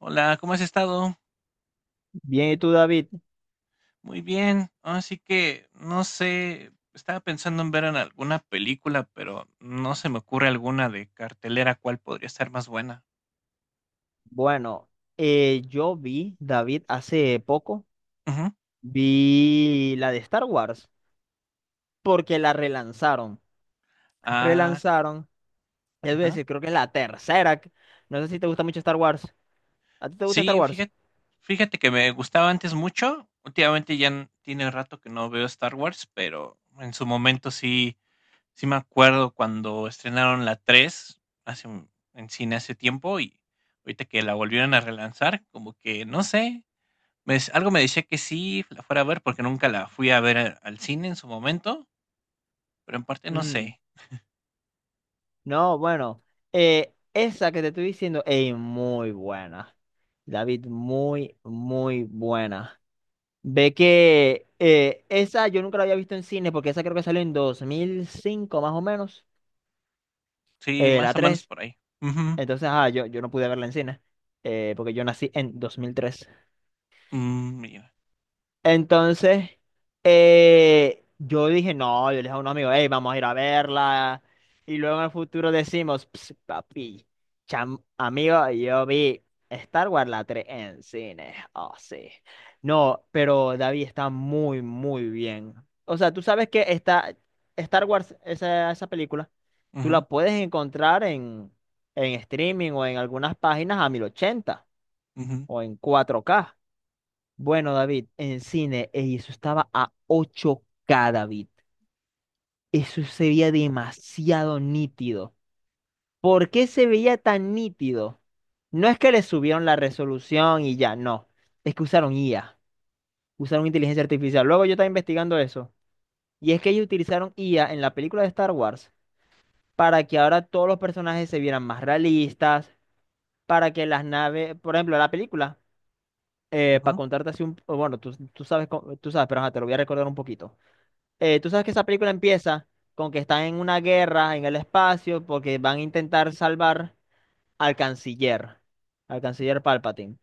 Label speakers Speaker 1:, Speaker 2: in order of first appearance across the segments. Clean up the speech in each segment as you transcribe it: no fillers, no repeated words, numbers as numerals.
Speaker 1: Hola, ¿cómo has estado?
Speaker 2: Bien, ¿y tú, David?
Speaker 1: Muy bien. Así que no sé, estaba pensando en ver en alguna película, pero no se me ocurre alguna de cartelera cuál podría ser más buena.
Speaker 2: Bueno, yo vi, David, hace poco,
Speaker 1: Ujú.
Speaker 2: vi la de Star Wars, porque la relanzaron.
Speaker 1: Ah,
Speaker 2: Relanzaron, es
Speaker 1: ajá.
Speaker 2: decir, creo que es la tercera. No sé si te gusta mucho Star Wars. ¿A ti te gusta Star
Speaker 1: Sí,
Speaker 2: Wars?
Speaker 1: fíjate que me gustaba antes mucho. Últimamente ya tiene rato que no veo Star Wars, pero en su momento sí, sí me acuerdo cuando estrenaron la 3, hace un- en cine hace tiempo y ahorita que la volvieron a relanzar, como que no sé. Algo me decía que sí la fuera a ver porque nunca la fui a ver al cine en su momento, pero en parte no
Speaker 2: Ujú.
Speaker 1: sé.
Speaker 2: No, bueno, esa que te estoy diciendo, ey, muy buena. David, muy, muy buena. Ve que esa yo nunca la había visto en cine, porque esa creo que salió en 2005 más o menos.
Speaker 1: Sí,
Speaker 2: eh,
Speaker 1: más
Speaker 2: la
Speaker 1: o menos
Speaker 2: tres
Speaker 1: por ahí. Ujú,
Speaker 2: Entonces, ah, yo no pude verla en cine, porque yo nací en 2003
Speaker 1: mm, mira,
Speaker 2: entonces, yo dije, no, yo le dije a un amigo, hey, vamos a ir a verla. Y luego en el futuro decimos, "Ps, papi, amigo, yo vi Star Wars la tres en cine". Oh, sí. No, pero David, está muy, muy bien. O sea, tú sabes que está Star Wars, esa película, tú
Speaker 1: ujú,
Speaker 2: la puedes encontrar en streaming o en algunas páginas a 1080
Speaker 1: ujú,
Speaker 2: o en 4K. Bueno, David, en cine, ey, eso estaba a 8K, David. Eso se veía demasiado nítido. ¿Por qué se veía tan nítido? No es que le subieron la resolución y ya, no. Es que usaron IA, usaron inteligencia artificial. Luego yo estaba investigando eso. Y es que ellos utilizaron IA en la película de Star Wars para que ahora todos los personajes se vieran más realistas, para que las naves, por ejemplo, la película, para
Speaker 1: ujú.
Speaker 2: contarte así un... Bueno, tú sabes, tú sabes, pero ajá, te lo voy a recordar un poquito. Tú sabes que esa película empieza con que están en una guerra en el espacio porque van a intentar salvar al canciller, al canciller Palpatine.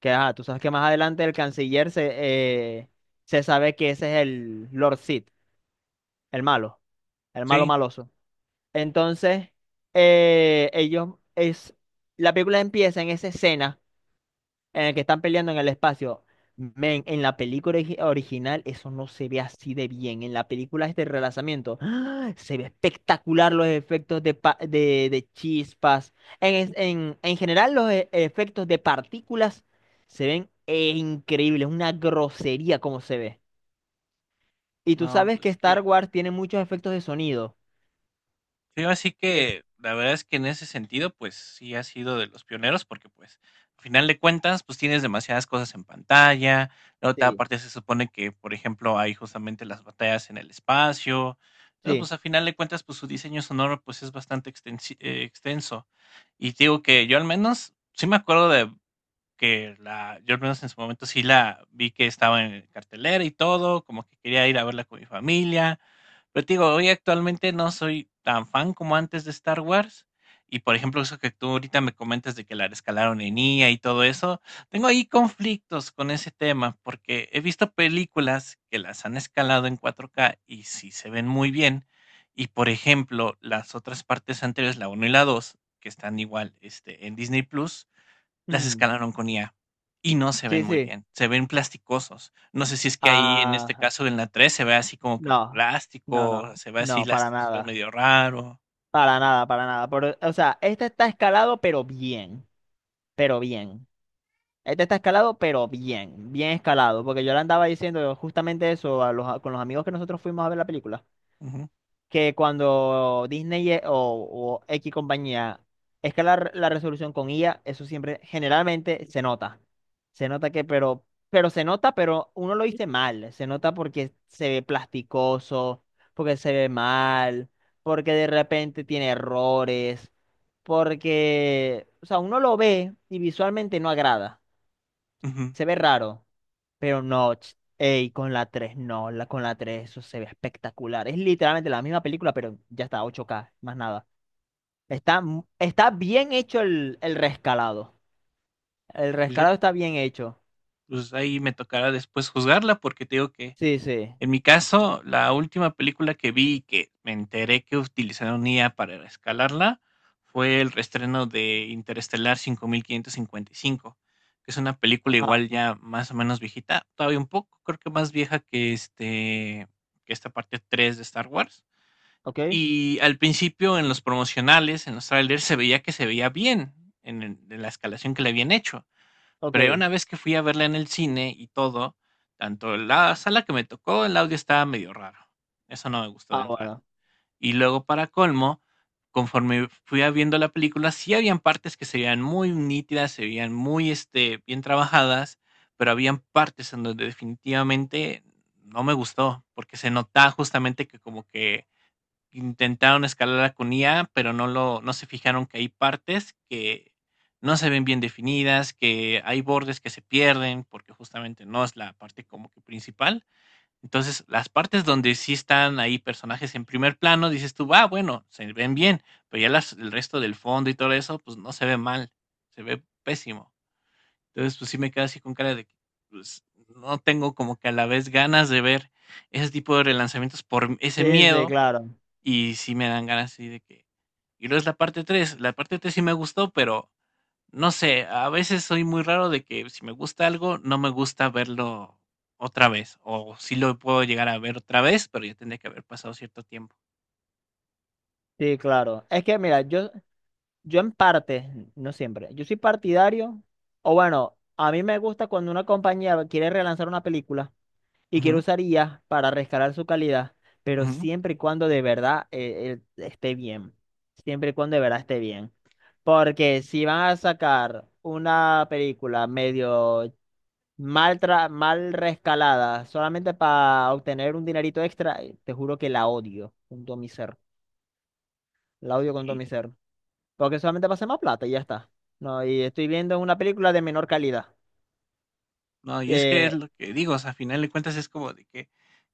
Speaker 2: Que ajá, tú sabes que más adelante el canciller se, eh, se sabe que ese es el Lord Sith, el malo, el malo
Speaker 1: Sí,
Speaker 2: maloso. Entonces, eh, ellos es, la película empieza en esa escena en el que están peleando en el espacio. Men, en la película original eso no se ve así de bien. En la película este relanzamiento, ¡ah, se ve espectacular los efectos de, de chispas! En, en general los efectos de partículas se ven increíbles, una grosería como se ve. Y tú
Speaker 1: no,
Speaker 2: sabes que
Speaker 1: es
Speaker 2: Star
Speaker 1: que
Speaker 2: Wars tiene muchos efectos de sonido.
Speaker 1: sí, así
Speaker 2: Es-
Speaker 1: que la verdad es que en ese sentido, pues sí has sido de los pioneros, porque pues al final de cuentas, pues tienes demasiadas cosas en pantalla. La otra
Speaker 2: Sí,
Speaker 1: parte se supone que, por ejemplo, hay justamente las batallas en el espacio. Entonces,
Speaker 2: sí,
Speaker 1: pues al final de cuentas, pues su diseño sonoro pues es bastante extenso. Y te digo que yo al menos sí me acuerdo de que la, yo al menos en su momento sí la vi que estaba en cartelera y todo, como que quería ir a verla con mi familia, pero te digo, hoy actualmente no soy tan fan como antes de Star Wars. Y por ejemplo, eso que tú ahorita me comentas de que la rescalaron en IA y todo eso, tengo ahí conflictos con ese tema, porque he visto películas que las han escalado en 4K y sí se ven muy bien. Y por ejemplo, las otras partes anteriores, la uno y la 2 que están igual este, en Disney Plus, las
Speaker 2: ujú,
Speaker 1: escalaron con IA y no se ven
Speaker 2: sí,
Speaker 1: muy
Speaker 2: sí.
Speaker 1: bien, se ven plasticosos. No sé si es que ahí en este
Speaker 2: Ah,
Speaker 1: caso en la 3 se ve así como que
Speaker 2: no, no,
Speaker 1: plástico,
Speaker 2: no,
Speaker 1: se ve así
Speaker 2: no,
Speaker 1: las
Speaker 2: para
Speaker 1: texturas
Speaker 2: nada.
Speaker 1: medio raro.
Speaker 2: Para nada, para nada. O sea, este está escalado, pero bien, pero bien. Este está escalado, pero bien, bien escalado. Porque yo le andaba diciendo justamente eso a los, con los amigos que nosotros fuimos a ver la película,
Speaker 1: Ujú,
Speaker 2: que cuando Disney o X compañía escala la resolución con IA, eso siempre generalmente se nota. Se nota que, pero se nota, pero uno lo dice mal. Se nota porque se ve plasticoso, porque se ve mal, porque de repente tiene errores, porque, o sea, uno lo ve y visualmente no agrada.
Speaker 1: ujú.
Speaker 2: Se ve raro, pero no. Ey, con la 3 no, la, con la 3 eso se ve espectacular. Es literalmente la misma película, pero ya está, 8K más nada. Está, está bien hecho el rescalado. El
Speaker 1: Pues, yo-
Speaker 2: rescalado está bien hecho.
Speaker 1: pues ahí me tocará después juzgarla porque te digo que
Speaker 2: Sí, sí.
Speaker 1: en mi caso, la última película que vi y que me enteré que utilizaron IA para escalarla fue el reestreno de Interestelar 5555, que es una película
Speaker 2: Ah,
Speaker 1: igual ya más o menos viejita, todavía un poco, creo que más vieja que que esta parte 3 de Star Wars.
Speaker 2: ok,
Speaker 1: Y al principio en los promocionales, en los trailers se veía que se veía bien en la escalación que le habían hecho, pero ya
Speaker 2: ok.
Speaker 1: una vez que fui a verla en el cine y todo, tanto la sala que me tocó, el audio estaba medio raro. Eso no me gustó de
Speaker 2: Ah,
Speaker 1: entrada.
Speaker 2: bueno.
Speaker 1: Y luego, para colmo, conforme fui a viendo la película, sí habían partes que se veían muy nítidas, se veían muy este, bien trabajadas, pero habían partes en donde definitivamente no me gustó, porque se notaba justamente que como que intentaron escalarla con IA, pero no lo, no se fijaron que hay partes que no se ven bien definidas, que hay bordes que se pierden, porque justamente no es la parte como que principal. Entonces, las partes donde sí están ahí personajes en primer plano, dices tú, va, ah, bueno, se ven bien, pero ya las, el resto del fondo y todo eso, pues no se ve mal, se ve pésimo. Entonces, pues sí me quedo así con cara de que pues, no tengo como que a la vez ganas de ver ese tipo de relanzamientos por ese
Speaker 2: Sí, sí,
Speaker 1: miedo
Speaker 2: claro.
Speaker 1: y sí me dan ganas así de que. Y luego es la parte tres, la parte 3 sí me gustó, pero no sé, a veces soy muy raro de que si me gusta algo, no me gusta verlo otra vez, o sí lo puedo llegar a ver otra vez, pero ya tendría que haber pasado cierto tiempo.
Speaker 2: Sí, claro. Es que mira, yo en parte, no siempre, yo soy partidario, o bueno, a mí me gusta cuando una compañía quiere relanzar una película y quiero
Speaker 1: Ujú,
Speaker 2: usar IA para rescalar su calidad, pero
Speaker 1: ujú,
Speaker 2: siempre y cuando de verdad esté bien. Siempre y cuando de verdad esté bien. Porque si van a sacar una película medio mal, mal rescalada solamente para obtener un dinerito extra, te juro que la odio con todo mi ser. La odio con todo
Speaker 1: sí.
Speaker 2: mi ser. Porque solamente pasa más plata y ya está. No, y estoy viendo una película de menor calidad.
Speaker 1: No, y es que es
Speaker 2: Eh,
Speaker 1: lo que digo, o sea, a final de cuentas es como de que,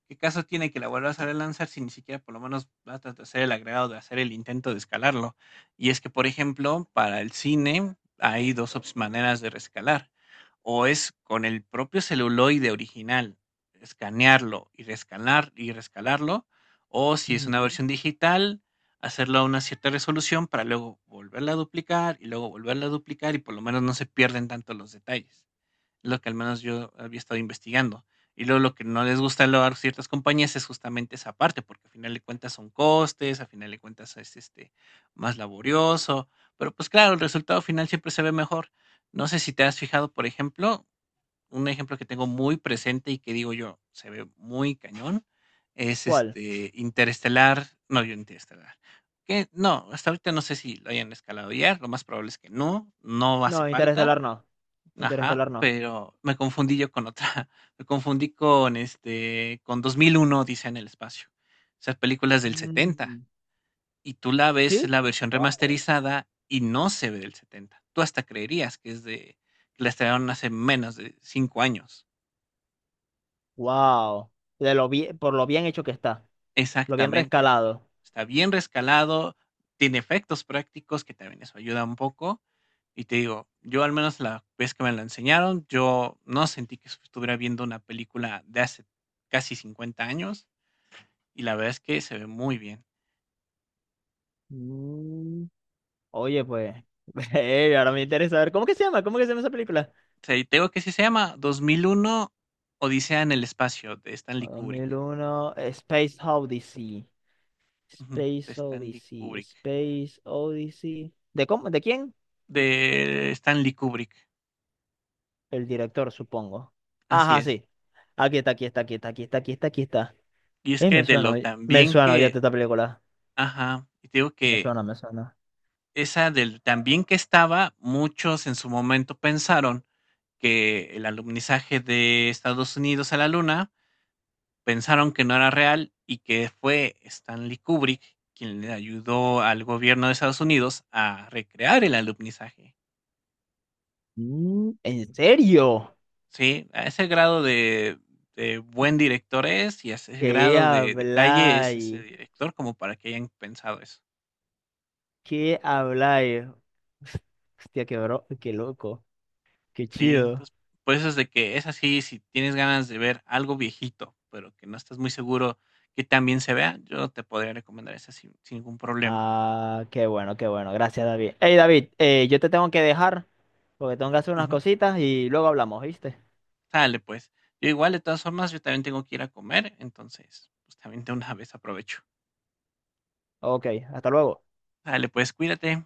Speaker 1: ¿qué caso tiene que la vuelvas a relanzar si ni siquiera por lo menos vas a hacer el agregado de hacer el intento de escalarlo? Y es que, por ejemplo, para el cine hay dos maneras de rescalar. O es con el propio celuloide original, escanearlo y rescalar y rescalarlo, o si es una
Speaker 2: ujú.
Speaker 1: versión digital, hacerlo a una cierta resolución para luego volverla a duplicar y luego volverla a duplicar y por lo menos no se pierden tanto los detalles. Lo que al menos yo había estado investigando. Y luego lo que no les gusta a ciertas compañías es justamente esa parte, porque al final de cuentas son costes, al final de cuentas es este más laborioso, pero pues claro, el resultado final siempre se ve mejor. No sé si te has fijado, por ejemplo, un ejemplo que tengo muy presente y que digo yo, se ve muy cañón, es
Speaker 2: ¿Cuál?
Speaker 1: este Interestelar, no, yo Interestelar. Que no, hasta ahorita no sé si lo hayan escalado ya, lo más probable es que no, no
Speaker 2: No,
Speaker 1: hace falta.
Speaker 2: Interestelar no.
Speaker 1: Ajá,
Speaker 2: Interestelar no.
Speaker 1: pero me confundí yo con otra. Me confundí con, este, con 2001 dice en el espacio. Esas películas del 70.
Speaker 2: Ujú.
Speaker 1: Y tú la ves
Speaker 2: ¿Sí?
Speaker 1: la versión
Speaker 2: Wow.
Speaker 1: remasterizada y no se ve del 70. Tú hasta creerías que es de que la estrenaron hace menos de 5 años.
Speaker 2: Wow. De lo bien, por lo bien hecho que está. Lo bien
Speaker 1: Exactamente.
Speaker 2: rescalado.
Speaker 1: Está bien rescalado, tiene efectos prácticos, que también eso ayuda un poco. Y te digo, yo al menos la vez que me la enseñaron, yo no sentí que estuviera viendo una película de hace casi 50 años y la verdad es que se ve muy bien.
Speaker 2: Mm. Oye, pues. Ahora me interesa ver. ¿Cómo que se llama? ¿Cómo que se llama esa película?
Speaker 1: O sea, y te digo que sí se llama 2001 Odisea en el espacio de Stanley
Speaker 2: dos mil
Speaker 1: Kubrick.
Speaker 2: uno Space Odyssey.
Speaker 1: Ujú, de
Speaker 2: Space
Speaker 1: Stanley
Speaker 2: Odyssey.
Speaker 1: Kubrick.
Speaker 2: Space Odyssey. ¿De cómo? ¿De quién?
Speaker 1: De Stanley Kubrick.
Speaker 2: El director, supongo.
Speaker 1: Así
Speaker 2: Ajá,
Speaker 1: es.
Speaker 2: sí. Aquí está, aquí está, aquí está, aquí está, aquí está, aquí está.
Speaker 1: Y es que
Speaker 2: Me
Speaker 1: de
Speaker 2: suena,
Speaker 1: lo
Speaker 2: oye.
Speaker 1: tan
Speaker 2: Me
Speaker 1: bien
Speaker 2: suena, oye,
Speaker 1: que,
Speaker 2: esta película.
Speaker 1: ajá, y te digo
Speaker 2: Me
Speaker 1: que
Speaker 2: suena, me suena.
Speaker 1: esa del también que estaba, muchos en su momento pensaron que el alunizaje de Estados Unidos a la Luna, pensaron que no era real y que fue Stanley Kubrick quien le ayudó al gobierno de Estados Unidos a recrear el alunizaje.
Speaker 2: Mm, ¿en serio?
Speaker 1: Sí, a ese grado de buen director es, y a ese
Speaker 2: ¿Qué
Speaker 1: grado de detalle es ese
Speaker 2: habláis?
Speaker 1: director como para que hayan pensado eso.
Speaker 2: ¿Qué habláis? Hostia, qué bro, qué loco, qué
Speaker 1: Sí,
Speaker 2: chido.
Speaker 1: entonces, por eso es de que es así, si tienes ganas de ver algo viejito, pero que no estás muy seguro que también se vea, yo te podría recomendar esa sin, sin ningún problema.
Speaker 2: Ah, qué bueno, qué bueno. Gracias, David. Hey, David, yo te tengo que dejar porque tengo que hacer unas
Speaker 1: Ujú.
Speaker 2: cositas y luego hablamos, ¿viste?
Speaker 1: Sale, pues. Yo igual, de todas formas, yo también tengo que ir a comer, entonces, pues también de una vez aprovecho.
Speaker 2: Ok, hasta luego.
Speaker 1: Sale, pues, cuídate.